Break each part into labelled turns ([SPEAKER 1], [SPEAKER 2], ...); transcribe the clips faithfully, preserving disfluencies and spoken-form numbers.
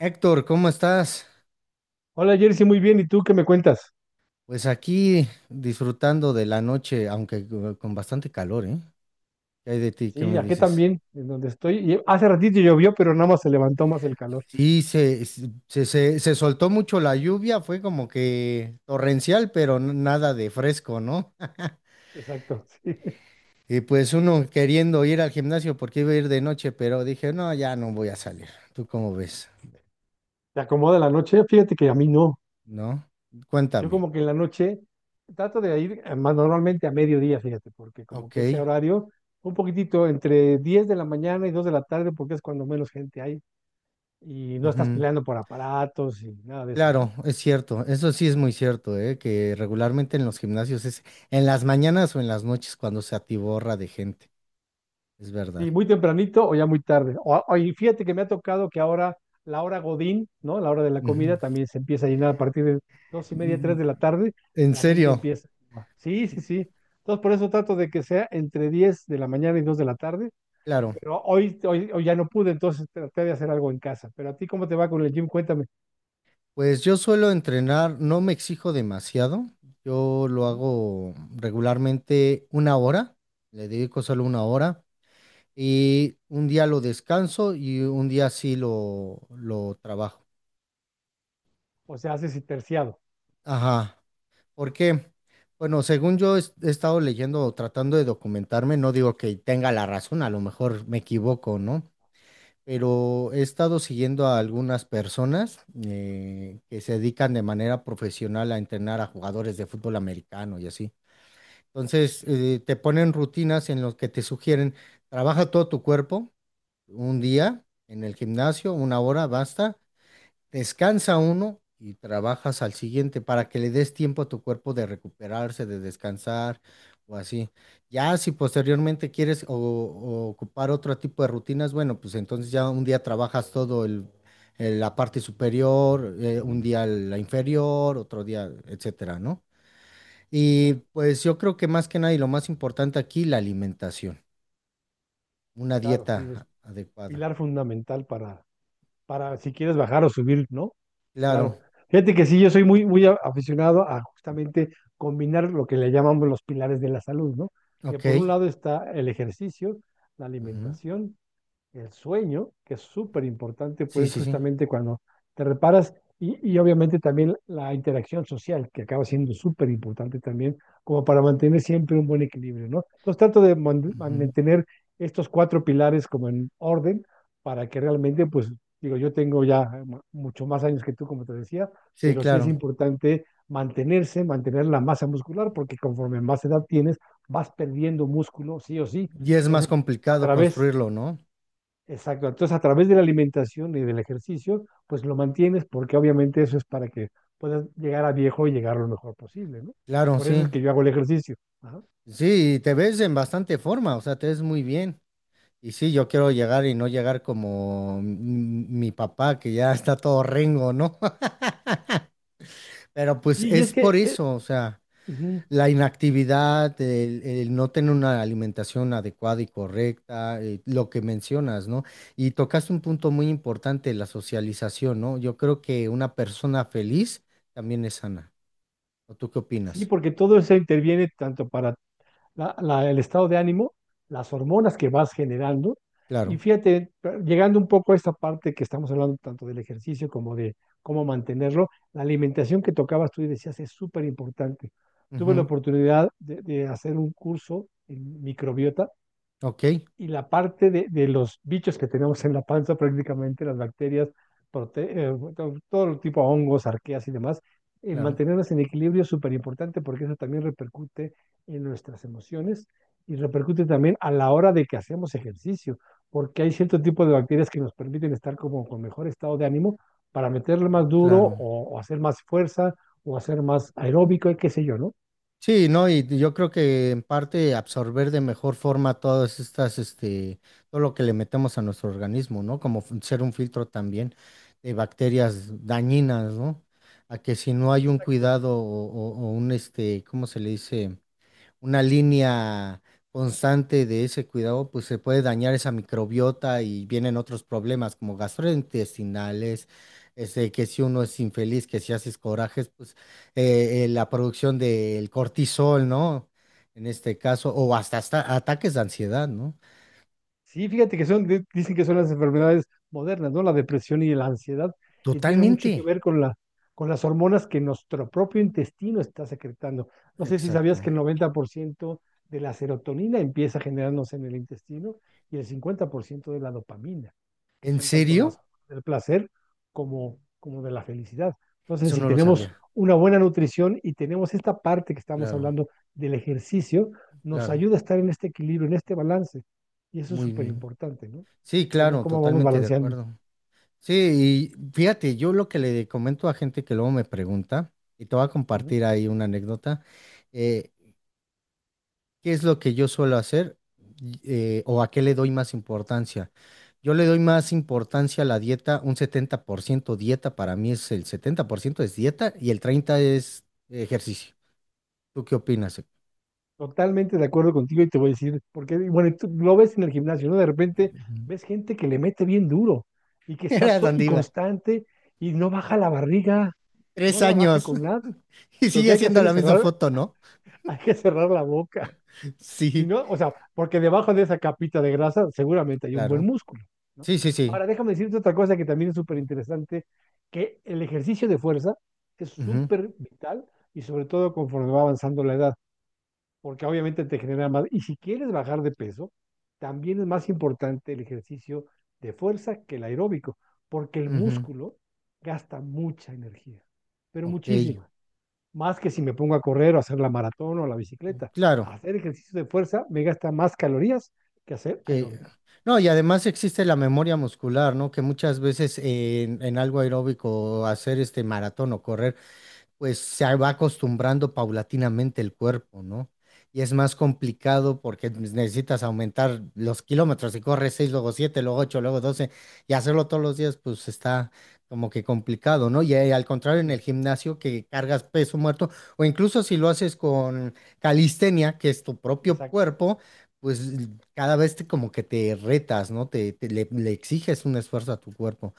[SPEAKER 1] Héctor, ¿cómo estás?
[SPEAKER 2] Hola Jersey, muy bien. ¿Y tú qué me cuentas?
[SPEAKER 1] Pues aquí disfrutando de la noche, aunque co- con bastante calor, ¿eh? ¿Qué hay de ti? ¿Qué
[SPEAKER 2] Sí,
[SPEAKER 1] me
[SPEAKER 2] aquí
[SPEAKER 1] dices?
[SPEAKER 2] también, en donde estoy. Y hace ratito llovió, pero nada más se levantó más el calor.
[SPEAKER 1] Sí, se, se, se, se soltó mucho la lluvia, fue como que torrencial, pero n- nada de fresco, ¿no?
[SPEAKER 2] Exacto, sí.
[SPEAKER 1] Y pues uno queriendo ir al gimnasio porque iba a ir de noche, pero dije, no, ya no voy a salir. ¿Tú cómo ves?
[SPEAKER 2] ¿Te acomoda la noche? Fíjate que a mí no.
[SPEAKER 1] ¿No?
[SPEAKER 2] Yo
[SPEAKER 1] Cuéntame.
[SPEAKER 2] como que en la noche trato de ir eh, más normalmente a mediodía, fíjate, porque como que ese
[SPEAKER 1] Ok.
[SPEAKER 2] horario, un poquitito entre diez de la mañana y dos de la tarde, porque es cuando menos gente hay y no estás peleando por aparatos y nada de eso, ¿no?
[SPEAKER 1] Claro, es cierto, eso sí es muy cierto, ¿eh? Que regularmente en los gimnasios es en las mañanas o en las noches cuando se atiborra de gente, es verdad.
[SPEAKER 2] Sí, muy tempranito o ya muy tarde. O, o- y fíjate que me ha tocado que ahora la hora Godín, ¿no? La hora de la
[SPEAKER 1] Ujú.
[SPEAKER 2] comida también se empieza a llenar a partir de dos y media, tres
[SPEAKER 1] Mm,
[SPEAKER 2] de la tarde,
[SPEAKER 1] en
[SPEAKER 2] la gente
[SPEAKER 1] serio,
[SPEAKER 2] empieza. Sí, sí, sí. Entonces por eso trato de que sea entre diez de la mañana y dos de la tarde,
[SPEAKER 1] claro,
[SPEAKER 2] pero hoy, hoy, hoy ya no pude, entonces traté de hacer algo en casa. Pero a ti, ¿cómo te va con el gym? Cuéntame.
[SPEAKER 1] pues yo suelo entrenar, no me exijo demasiado, yo lo
[SPEAKER 2] Ujú.
[SPEAKER 1] hago regularmente una hora, le dedico solo una hora y un día lo descanso y un día sí lo, lo trabajo.
[SPEAKER 2] O sea, haces y terciado.
[SPEAKER 1] Ajá. ¿Por qué? Bueno, según yo es- he estado leyendo o tratando de documentarme, no digo que tenga la razón, a lo mejor me equivoco, ¿no? Pero he estado siguiendo a algunas personas eh, que se dedican de manera profesional a entrenar a jugadores de fútbol americano y así. Entonces, eh, te ponen rutinas en las que te sugieren, trabaja todo tu cuerpo un día en el gimnasio, una hora, basta. Descansa uno y trabajas al siguiente para que le des tiempo a tu cuerpo de recuperarse, de descansar o así. Ya si posteriormente quieres o, o ocupar otro tipo de rutinas, bueno, pues entonces ya un día trabajas todo el, el- la parte superior, eh, un
[SPEAKER 2] Ujú.
[SPEAKER 1] día la inferior, otro día, etcétera, ¿no? Y
[SPEAKER 2] Claro,
[SPEAKER 1] pues yo creo que más que nada y lo más importante aquí, la alimentación, una
[SPEAKER 2] claro, sí,
[SPEAKER 1] dieta
[SPEAKER 2] es
[SPEAKER 1] a- adecuada.
[SPEAKER 2] pilar fundamental para, para si quieres bajar o subir, ¿no?
[SPEAKER 1] Claro,
[SPEAKER 2] Claro. Fíjate que sí, yo soy muy, muy a- aficionado a justamente combinar lo que le llamamos los pilares de la salud, ¿no? Que
[SPEAKER 1] ok.
[SPEAKER 2] por un lado está el ejercicio, la
[SPEAKER 1] Ujú.
[SPEAKER 2] alimentación, el sueño, que es súper importante,
[SPEAKER 1] Sí,
[SPEAKER 2] pues
[SPEAKER 1] sí, sí.
[SPEAKER 2] justamente cuando te reparas, y, y obviamente también la interacción social, que acaba siendo súper importante también, como para mantener siempre un buen equilibrio, ¿no? Entonces trato de man-
[SPEAKER 1] Ujú.
[SPEAKER 2] mantener estos cuatro pilares como en orden para que realmente, pues, digo, yo tengo ya mu- mucho más años que tú, como te decía,
[SPEAKER 1] Sí,
[SPEAKER 2] pero sí es
[SPEAKER 1] claro.
[SPEAKER 2] importante mantenerse, mantener la masa muscular, porque conforme más edad tienes, vas perdiendo músculo, sí o sí.
[SPEAKER 1] Y es más
[SPEAKER 2] Entonces, a
[SPEAKER 1] complicado
[SPEAKER 2] través
[SPEAKER 1] construirlo, ¿no?
[SPEAKER 2] Exacto. Entonces, a través de la alimentación y del ejercicio, pues lo mantienes porque obviamente eso es para que puedas llegar a viejo y llegar lo mejor posible, ¿no?
[SPEAKER 1] Claro,
[SPEAKER 2] Por eso es
[SPEAKER 1] sí.
[SPEAKER 2] que yo hago el ejercicio. Ajá.
[SPEAKER 1] Sí, y te ves en bastante forma, o sea, te ves muy bien. Y sí, yo quiero llegar y no llegar como m- mi papá, que ya está todo rengo, ¿no? Pero pues
[SPEAKER 2] Sí, y es
[SPEAKER 1] es por
[SPEAKER 2] que, eh,
[SPEAKER 1] eso, o sea,
[SPEAKER 2] ujú.
[SPEAKER 1] la inactividad, el, el no tener una alimentación adecuada y correcta, eh, lo que mencionas, ¿no? Y tocaste un punto muy importante, la socialización, ¿no? Yo creo que una persona feliz también es sana. ¿O tú qué
[SPEAKER 2] Sí,
[SPEAKER 1] opinas?
[SPEAKER 2] porque todo eso interviene tanto para la- la- el estado de ánimo, las hormonas que vas generando. Y
[SPEAKER 1] Claro.
[SPEAKER 2] fíjate, llegando un poco a esta parte que estamos hablando tanto del ejercicio como de cómo mantenerlo, la alimentación que tocabas tú y decías es súper importante. Tuve la
[SPEAKER 1] Ujú.
[SPEAKER 2] oportunidad de, de hacer un curso en microbiota
[SPEAKER 1] Ok,
[SPEAKER 2] y la parte de, de los bichos que tenemos en la panza, prácticamente las bacterias, prote- eh, to- todo, tipo de hongos, arqueas y demás, eh,
[SPEAKER 1] claro,
[SPEAKER 2] mantenerlas en equilibrio es súper importante porque eso también repercute en nuestras emociones y repercute también a la hora de que hacemos ejercicio, porque hay cierto tipo de bacterias que nos permiten estar como con mejor estado de ánimo para meterle más duro
[SPEAKER 1] claro.
[SPEAKER 2] o, o hacer más fuerza o hacer más aeróbico y qué sé yo, ¿no?
[SPEAKER 1] Sí, ¿no? Y yo creo que en parte absorber de mejor forma todas estas, este, todo lo que le metemos a nuestro organismo, ¿no? Como fun- ser un filtro también de bacterias dañinas, ¿no? A que si no hay un
[SPEAKER 2] Exacto.
[SPEAKER 1] cuidado o, o- o un, este, ¿cómo se le dice? Una línea constante de ese cuidado, pues se puede dañar esa microbiota y vienen otros problemas como gastrointestinales, este, que si uno es infeliz, que si haces corajes, pues eh, eh, la producción del cortisol, ¿no? En este caso, o hasta, hasta ataques de ansiedad, ¿no?
[SPEAKER 2] Sí, fíjate que son, di- dicen que son las enfermedades modernas, ¿no? La depresión y la ansiedad, y tienen mucho
[SPEAKER 1] Totalmente.
[SPEAKER 2] que ver con la, con las hormonas que nuestro propio intestino está secretando. No sé si sabías
[SPEAKER 1] Exacto.
[SPEAKER 2] que el noventa por ciento de la serotonina empieza a generándose en el intestino y el cincuenta por ciento de la dopamina, que
[SPEAKER 1] ¿En
[SPEAKER 2] son tanto las
[SPEAKER 1] serio?
[SPEAKER 2] del placer como, como de la felicidad. Entonces,
[SPEAKER 1] Eso
[SPEAKER 2] si
[SPEAKER 1] no lo
[SPEAKER 2] tenemos
[SPEAKER 1] sabía.
[SPEAKER 2] una buena nutrición y tenemos esta parte que estamos
[SPEAKER 1] Claro,
[SPEAKER 2] hablando del ejercicio, nos
[SPEAKER 1] claro.
[SPEAKER 2] ayuda a estar en este equilibrio, en este balance y eso es
[SPEAKER 1] Muy
[SPEAKER 2] súper
[SPEAKER 1] bien.
[SPEAKER 2] importante, ¿no?
[SPEAKER 1] Sí,
[SPEAKER 2] ¿Cómo,
[SPEAKER 1] claro,
[SPEAKER 2] cómo vamos
[SPEAKER 1] totalmente de
[SPEAKER 2] balanceando?
[SPEAKER 1] acuerdo. Sí, y fíjate, yo lo que le comento a gente que luego me pregunta, y te voy a
[SPEAKER 2] Ujú.
[SPEAKER 1] compartir ahí una anécdota, eh, ¿qué es lo que yo suelo hacer y, eh, o a qué le doy más importancia? Yo le doy más importancia a la dieta, un setenta por ciento dieta, para mí es el setenta por ciento es dieta y el treinta por ciento es ejercicio. ¿Tú qué opinas? Ujú.
[SPEAKER 2] Totalmente de acuerdo contigo y te voy a decir, porque, y bueno, y tú lo ves en el gimnasio, ¿no? De repente ves gente que le mete bien duro y que está
[SPEAKER 1] Era
[SPEAKER 2] to-
[SPEAKER 1] donde
[SPEAKER 2] y
[SPEAKER 1] iba.
[SPEAKER 2] constante y no baja la barriga, no
[SPEAKER 1] Tres
[SPEAKER 2] la baja
[SPEAKER 1] años.
[SPEAKER 2] con nada.
[SPEAKER 1] Y
[SPEAKER 2] Lo que
[SPEAKER 1] sigue
[SPEAKER 2] hay que
[SPEAKER 1] siendo
[SPEAKER 2] hacer
[SPEAKER 1] la
[SPEAKER 2] es
[SPEAKER 1] misma
[SPEAKER 2] cerrar,
[SPEAKER 1] foto, ¿no?
[SPEAKER 2] hay que cerrar la boca. Si
[SPEAKER 1] Sí,
[SPEAKER 2] no, o sea, porque debajo de esa capita de grasa seguramente hay un buen
[SPEAKER 1] claro.
[SPEAKER 2] músculo, ¿no?
[SPEAKER 1] Sí, sí, sí.
[SPEAKER 2] Ahora, déjame decirte otra cosa que también es súper interesante, que el ejercicio de fuerza es
[SPEAKER 1] Ujú,
[SPEAKER 2] súper vital y sobre todo conforme va avanzando la edad, porque obviamente te genera más. Y si quieres bajar de peso, también es más importante el ejercicio de fuerza que el aeróbico, porque el
[SPEAKER 1] ujú.
[SPEAKER 2] músculo gasta mucha energía, pero
[SPEAKER 1] Ok,
[SPEAKER 2] muchísima más que si me pongo a correr o a hacer la maratón o la bicicleta.
[SPEAKER 1] claro.
[SPEAKER 2] Hacer ejercicio de fuerza me gasta más calorías que hacer
[SPEAKER 1] Que...
[SPEAKER 2] aeróbico.
[SPEAKER 1] No, y además existe la memoria muscular, ¿no? Que muchas veces en, en algo aeróbico, hacer este maratón o correr, pues se va acostumbrando paulatinamente el cuerpo, ¿no? Y es más complicado porque necesitas aumentar los kilómetros. Si corres seis luego siete luego ocho luego doce y hacerlo todos los días, pues está como que complicado, ¿no? Y eh, al contrario, en el
[SPEAKER 2] Sí,
[SPEAKER 1] gimnasio que cargas peso muerto, o incluso si lo haces con calistenia, que es tu propio
[SPEAKER 2] exacto.
[SPEAKER 1] cuerpo, pues cada vez te, como que te retas, ¿no? Te, te- le, le exiges un esfuerzo a tu cuerpo.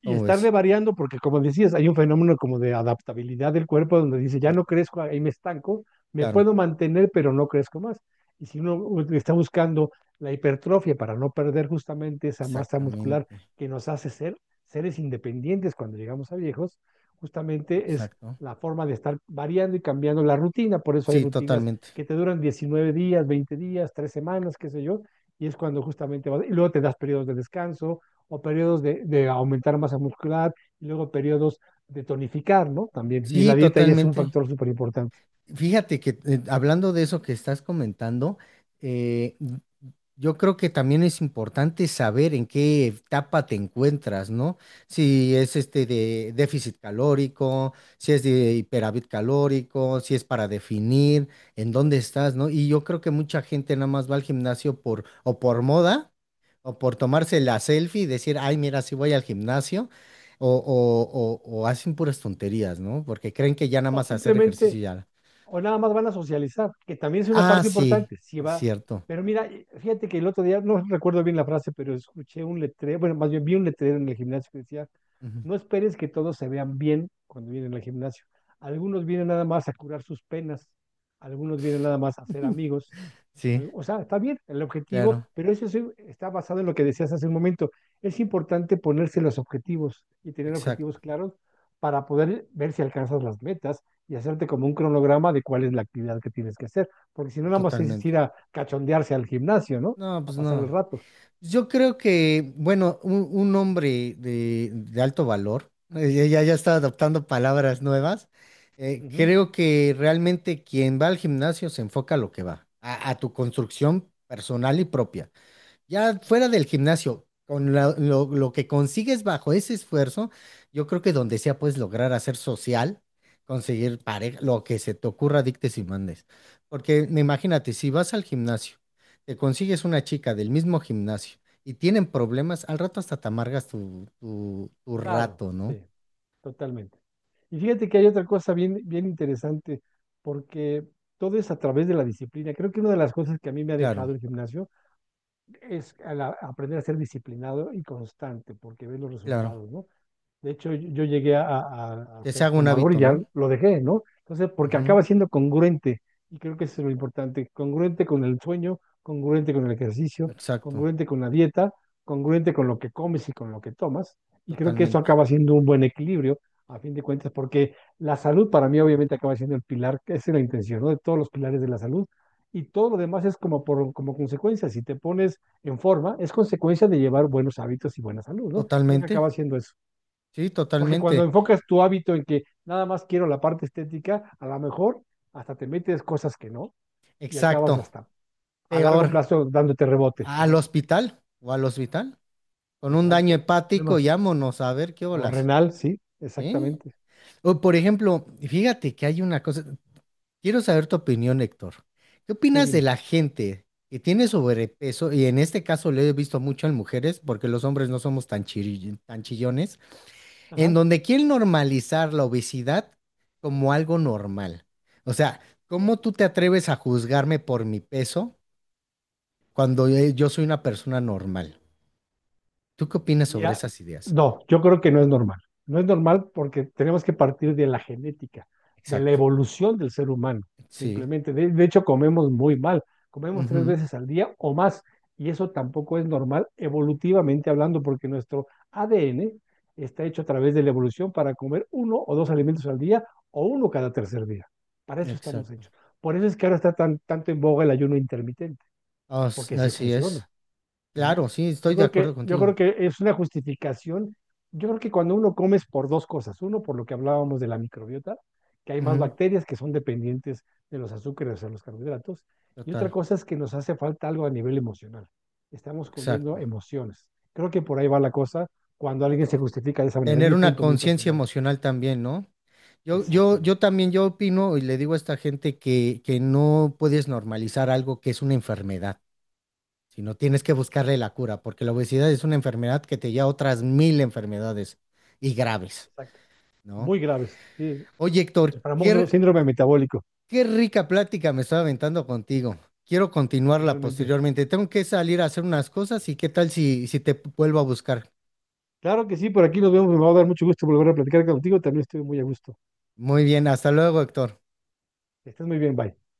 [SPEAKER 2] Y
[SPEAKER 1] ¿Cómo
[SPEAKER 2] estarle
[SPEAKER 1] ves?
[SPEAKER 2] variando, porque como decías, hay un fenómeno como de adaptabilidad del cuerpo donde dice, ya no crezco, ahí me estanco, me
[SPEAKER 1] Claro,
[SPEAKER 2] puedo mantener, pero no crezco más. Y si uno está buscando la hipertrofia para no perder justamente esa masa muscular
[SPEAKER 1] exactamente.
[SPEAKER 2] que nos hace ser seres independientes cuando llegamos a viejos, justamente es
[SPEAKER 1] Exacto.
[SPEAKER 2] la forma de estar variando y cambiando la rutina. Por eso hay
[SPEAKER 1] Sí,
[SPEAKER 2] rutinas
[SPEAKER 1] totalmente.
[SPEAKER 2] que te duran diecinueve días, veinte días, tres semanas, qué sé yo, y es cuando justamente vas, y luego te das periodos de descanso, o periodos de, de aumentar masa muscular y luego periodos de tonificar, ¿no? También. Y la
[SPEAKER 1] Sí,
[SPEAKER 2] dieta ya es un
[SPEAKER 1] totalmente.
[SPEAKER 2] factor súper importante.
[SPEAKER 1] Fíjate que eh, hablando de eso que estás comentando, eh, yo creo que también es importante saber en qué etapa te encuentras, ¿no? Si es este de déficit calórico, si es de hiperávit calórico, si es para definir en dónde estás, ¿no? Y yo creo que mucha gente nada más va al gimnasio por o por moda o por tomarse la selfie y decir, ay, mira, sí voy al gimnasio o, o, o, o hacen puras tonterías, ¿no? Porque creen que ya nada
[SPEAKER 2] O
[SPEAKER 1] más hacer
[SPEAKER 2] simplemente,
[SPEAKER 1] ejercicio ya.
[SPEAKER 2] o nada más van a socializar, que también es una
[SPEAKER 1] Ah,
[SPEAKER 2] parte
[SPEAKER 1] sí,
[SPEAKER 2] importante. Si
[SPEAKER 1] es
[SPEAKER 2] va,
[SPEAKER 1] cierto.
[SPEAKER 2] pero mira, fíjate que el otro día, no recuerdo bien la frase, pero escuché un letrero, bueno, más bien vi un letrero en el gimnasio que decía,
[SPEAKER 1] Ujú.
[SPEAKER 2] no esperes que todos se vean bien cuando vienen al gimnasio. Algunos vienen nada más a curar sus penas, algunos vienen nada más a ser amigos.
[SPEAKER 1] Sí,
[SPEAKER 2] Al- O sea, está bien el objetivo,
[SPEAKER 1] claro,
[SPEAKER 2] pero eso sí está basado en lo que decías hace un momento. Es importante ponerse los objetivos y tener
[SPEAKER 1] exacto.
[SPEAKER 2] objetivos claros para poder ver si alcanzas las metas y hacerte como un cronograma de cuál es la actividad que tienes que hacer, porque si no, nada más es ir
[SPEAKER 1] Totalmente.
[SPEAKER 2] a cachondearse al gimnasio, ¿no?
[SPEAKER 1] No,
[SPEAKER 2] A
[SPEAKER 1] pues
[SPEAKER 2] pasar el
[SPEAKER 1] no.
[SPEAKER 2] rato.
[SPEAKER 1] Yo creo que, bueno, un, un hombre de, de alto valor, eh, ya, ya ya está adoptando palabras nuevas, eh,
[SPEAKER 2] Ujú.
[SPEAKER 1] creo que realmente quien va al gimnasio se enfoca a lo que va, a, a tu construcción personal y propia. Ya fuera del gimnasio, con la- lo, lo que consigues bajo ese esfuerzo, yo creo que donde sea puedes lograr hacer social, conseguir pareja, lo que se te ocurra, dictes y mandes. Porque me imagínate, si vas al gimnasio, te consigues una chica del mismo gimnasio y tienen problemas, al rato hasta te amargas tu, tu, tu
[SPEAKER 2] Claro,
[SPEAKER 1] rato, ¿no?
[SPEAKER 2] sí, totalmente. Y fíjate que hay otra cosa bien, bien interesante, porque todo es a través de la disciplina. Creo que una de las cosas que a mí me ha
[SPEAKER 1] Claro,
[SPEAKER 2] dejado el gimnasio es a la- aprender a ser disciplinado y constante, porque ves los
[SPEAKER 1] claro.
[SPEAKER 2] resultados, ¿no? De hecho, yo yo llegué a, a- a
[SPEAKER 1] Que se
[SPEAKER 2] ser
[SPEAKER 1] haga un
[SPEAKER 2] fumador y
[SPEAKER 1] hábito,
[SPEAKER 2] ya
[SPEAKER 1] ¿no?
[SPEAKER 2] lo dejé, ¿no? Entonces, porque
[SPEAKER 1] Ujú,
[SPEAKER 2] acaba siendo congruente, y creo que eso es lo importante, congruente con el sueño, congruente con el ejercicio,
[SPEAKER 1] exacto,
[SPEAKER 2] congruente con la dieta, congruente con lo que comes y con lo que tomas, y creo que eso
[SPEAKER 1] totalmente.
[SPEAKER 2] acaba siendo un buen equilibrio, a fin de cuentas, porque la salud para mí obviamente acaba siendo el pilar, que esa es la intención, ¿no? De todos los pilares de la salud, y todo lo demás es como, por, como consecuencia, si te pones en forma, es consecuencia de llevar buenos hábitos y buena salud, ¿no? Creo que
[SPEAKER 1] Totalmente,
[SPEAKER 2] acaba siendo eso.
[SPEAKER 1] sí,
[SPEAKER 2] Porque cuando
[SPEAKER 1] totalmente.
[SPEAKER 2] enfocas tu hábito en que nada más quiero la parte estética, a lo mejor hasta te metes cosas que no y acabas
[SPEAKER 1] Exacto,
[SPEAKER 2] hasta a largo
[SPEAKER 1] peor.
[SPEAKER 2] plazo dándote rebote.
[SPEAKER 1] Al
[SPEAKER 2] Ajá,
[SPEAKER 1] hospital o al hospital con un daño
[SPEAKER 2] exacto.
[SPEAKER 1] hepático
[SPEAKER 2] Problemas.
[SPEAKER 1] y vámonos a ver qué
[SPEAKER 2] O
[SPEAKER 1] olas.
[SPEAKER 2] renal, sí,
[SPEAKER 1] ¿Eh?
[SPEAKER 2] exactamente.
[SPEAKER 1] O por ejemplo, fíjate que hay una cosa, quiero saber tu opinión, Héctor. ¿Qué
[SPEAKER 2] Sí,
[SPEAKER 1] opinas de
[SPEAKER 2] dime.
[SPEAKER 1] la gente que tiene sobrepeso? Y en este caso lo he visto mucho en mujeres, porque los hombres no somos tan chiri- tan chillones, en
[SPEAKER 2] Ajá.
[SPEAKER 1] donde quieren normalizar la obesidad como algo normal. O sea, ¿cómo tú te atreves a juzgarme por mi peso cuando eh, yo soy una persona normal? ¿Tú qué opinas sobre
[SPEAKER 2] Mira,
[SPEAKER 1] esas ideas?
[SPEAKER 2] no, yo creo que no es normal. No es normal porque tenemos que partir de la genética, de la
[SPEAKER 1] Exacto,
[SPEAKER 2] evolución del ser humano,
[SPEAKER 1] sí,
[SPEAKER 2] simplemente. De, de hecho, comemos muy mal, comemos tres
[SPEAKER 1] ujú,
[SPEAKER 2] veces al día o más, y eso tampoco es normal evolutivamente hablando porque nuestro A D N está hecho a través de la evolución para comer uno o dos alimentos al día o uno cada tercer día. Para eso estamos
[SPEAKER 1] exacto,
[SPEAKER 2] hechos. Por eso es que ahora está tan, tanto en boga el ayuno intermitente,
[SPEAKER 1] as-
[SPEAKER 2] porque sí
[SPEAKER 1] así es.
[SPEAKER 2] funciona. Ujú.
[SPEAKER 1] Claro, sí,
[SPEAKER 2] Yo
[SPEAKER 1] estoy de
[SPEAKER 2] creo
[SPEAKER 1] acuerdo
[SPEAKER 2] que, yo creo
[SPEAKER 1] contigo.
[SPEAKER 2] que es una justificación. Yo creo que cuando uno come es por dos cosas. Uno, por lo que hablábamos de la microbiota, que hay más
[SPEAKER 1] Ujú,
[SPEAKER 2] bacterias que son dependientes de los azúcares o los carbohidratos. Y otra
[SPEAKER 1] total,
[SPEAKER 2] cosa es que nos hace falta algo a nivel emocional. Estamos comiendo
[SPEAKER 1] exacto.
[SPEAKER 2] emociones. Creo que por ahí va la cosa cuando alguien se justifica de esa manera. Es
[SPEAKER 1] Tener
[SPEAKER 2] mi
[SPEAKER 1] una
[SPEAKER 2] punto muy
[SPEAKER 1] conciencia
[SPEAKER 2] personal.
[SPEAKER 1] emocional también, ¿no? Yo, yo, yo
[SPEAKER 2] Exactamente.
[SPEAKER 1] también, yo opino y le digo a esta gente que, que no puedes normalizar algo que es una enfermedad, sino tienes que buscarle la cura, porque la obesidad es una enfermedad que te lleva a otras mil enfermedades y graves,
[SPEAKER 2] Exacto.
[SPEAKER 1] ¿no?
[SPEAKER 2] Muy graves. Sí.
[SPEAKER 1] Oye, Héctor,
[SPEAKER 2] El famoso
[SPEAKER 1] qué,
[SPEAKER 2] síndrome metabólico.
[SPEAKER 1] qué rica plática me estaba aventando contigo. Quiero continuarla
[SPEAKER 2] Igualmente.
[SPEAKER 1] posteriormente. Tengo que salir a hacer unas cosas y qué tal si, si te vuelvo a buscar.
[SPEAKER 2] Claro que sí, por aquí nos vemos. Me va a dar mucho gusto volver a platicar contigo. También estoy muy a gusto.
[SPEAKER 1] Muy bien, hasta luego, Héctor.
[SPEAKER 2] Que estés muy bien, bye.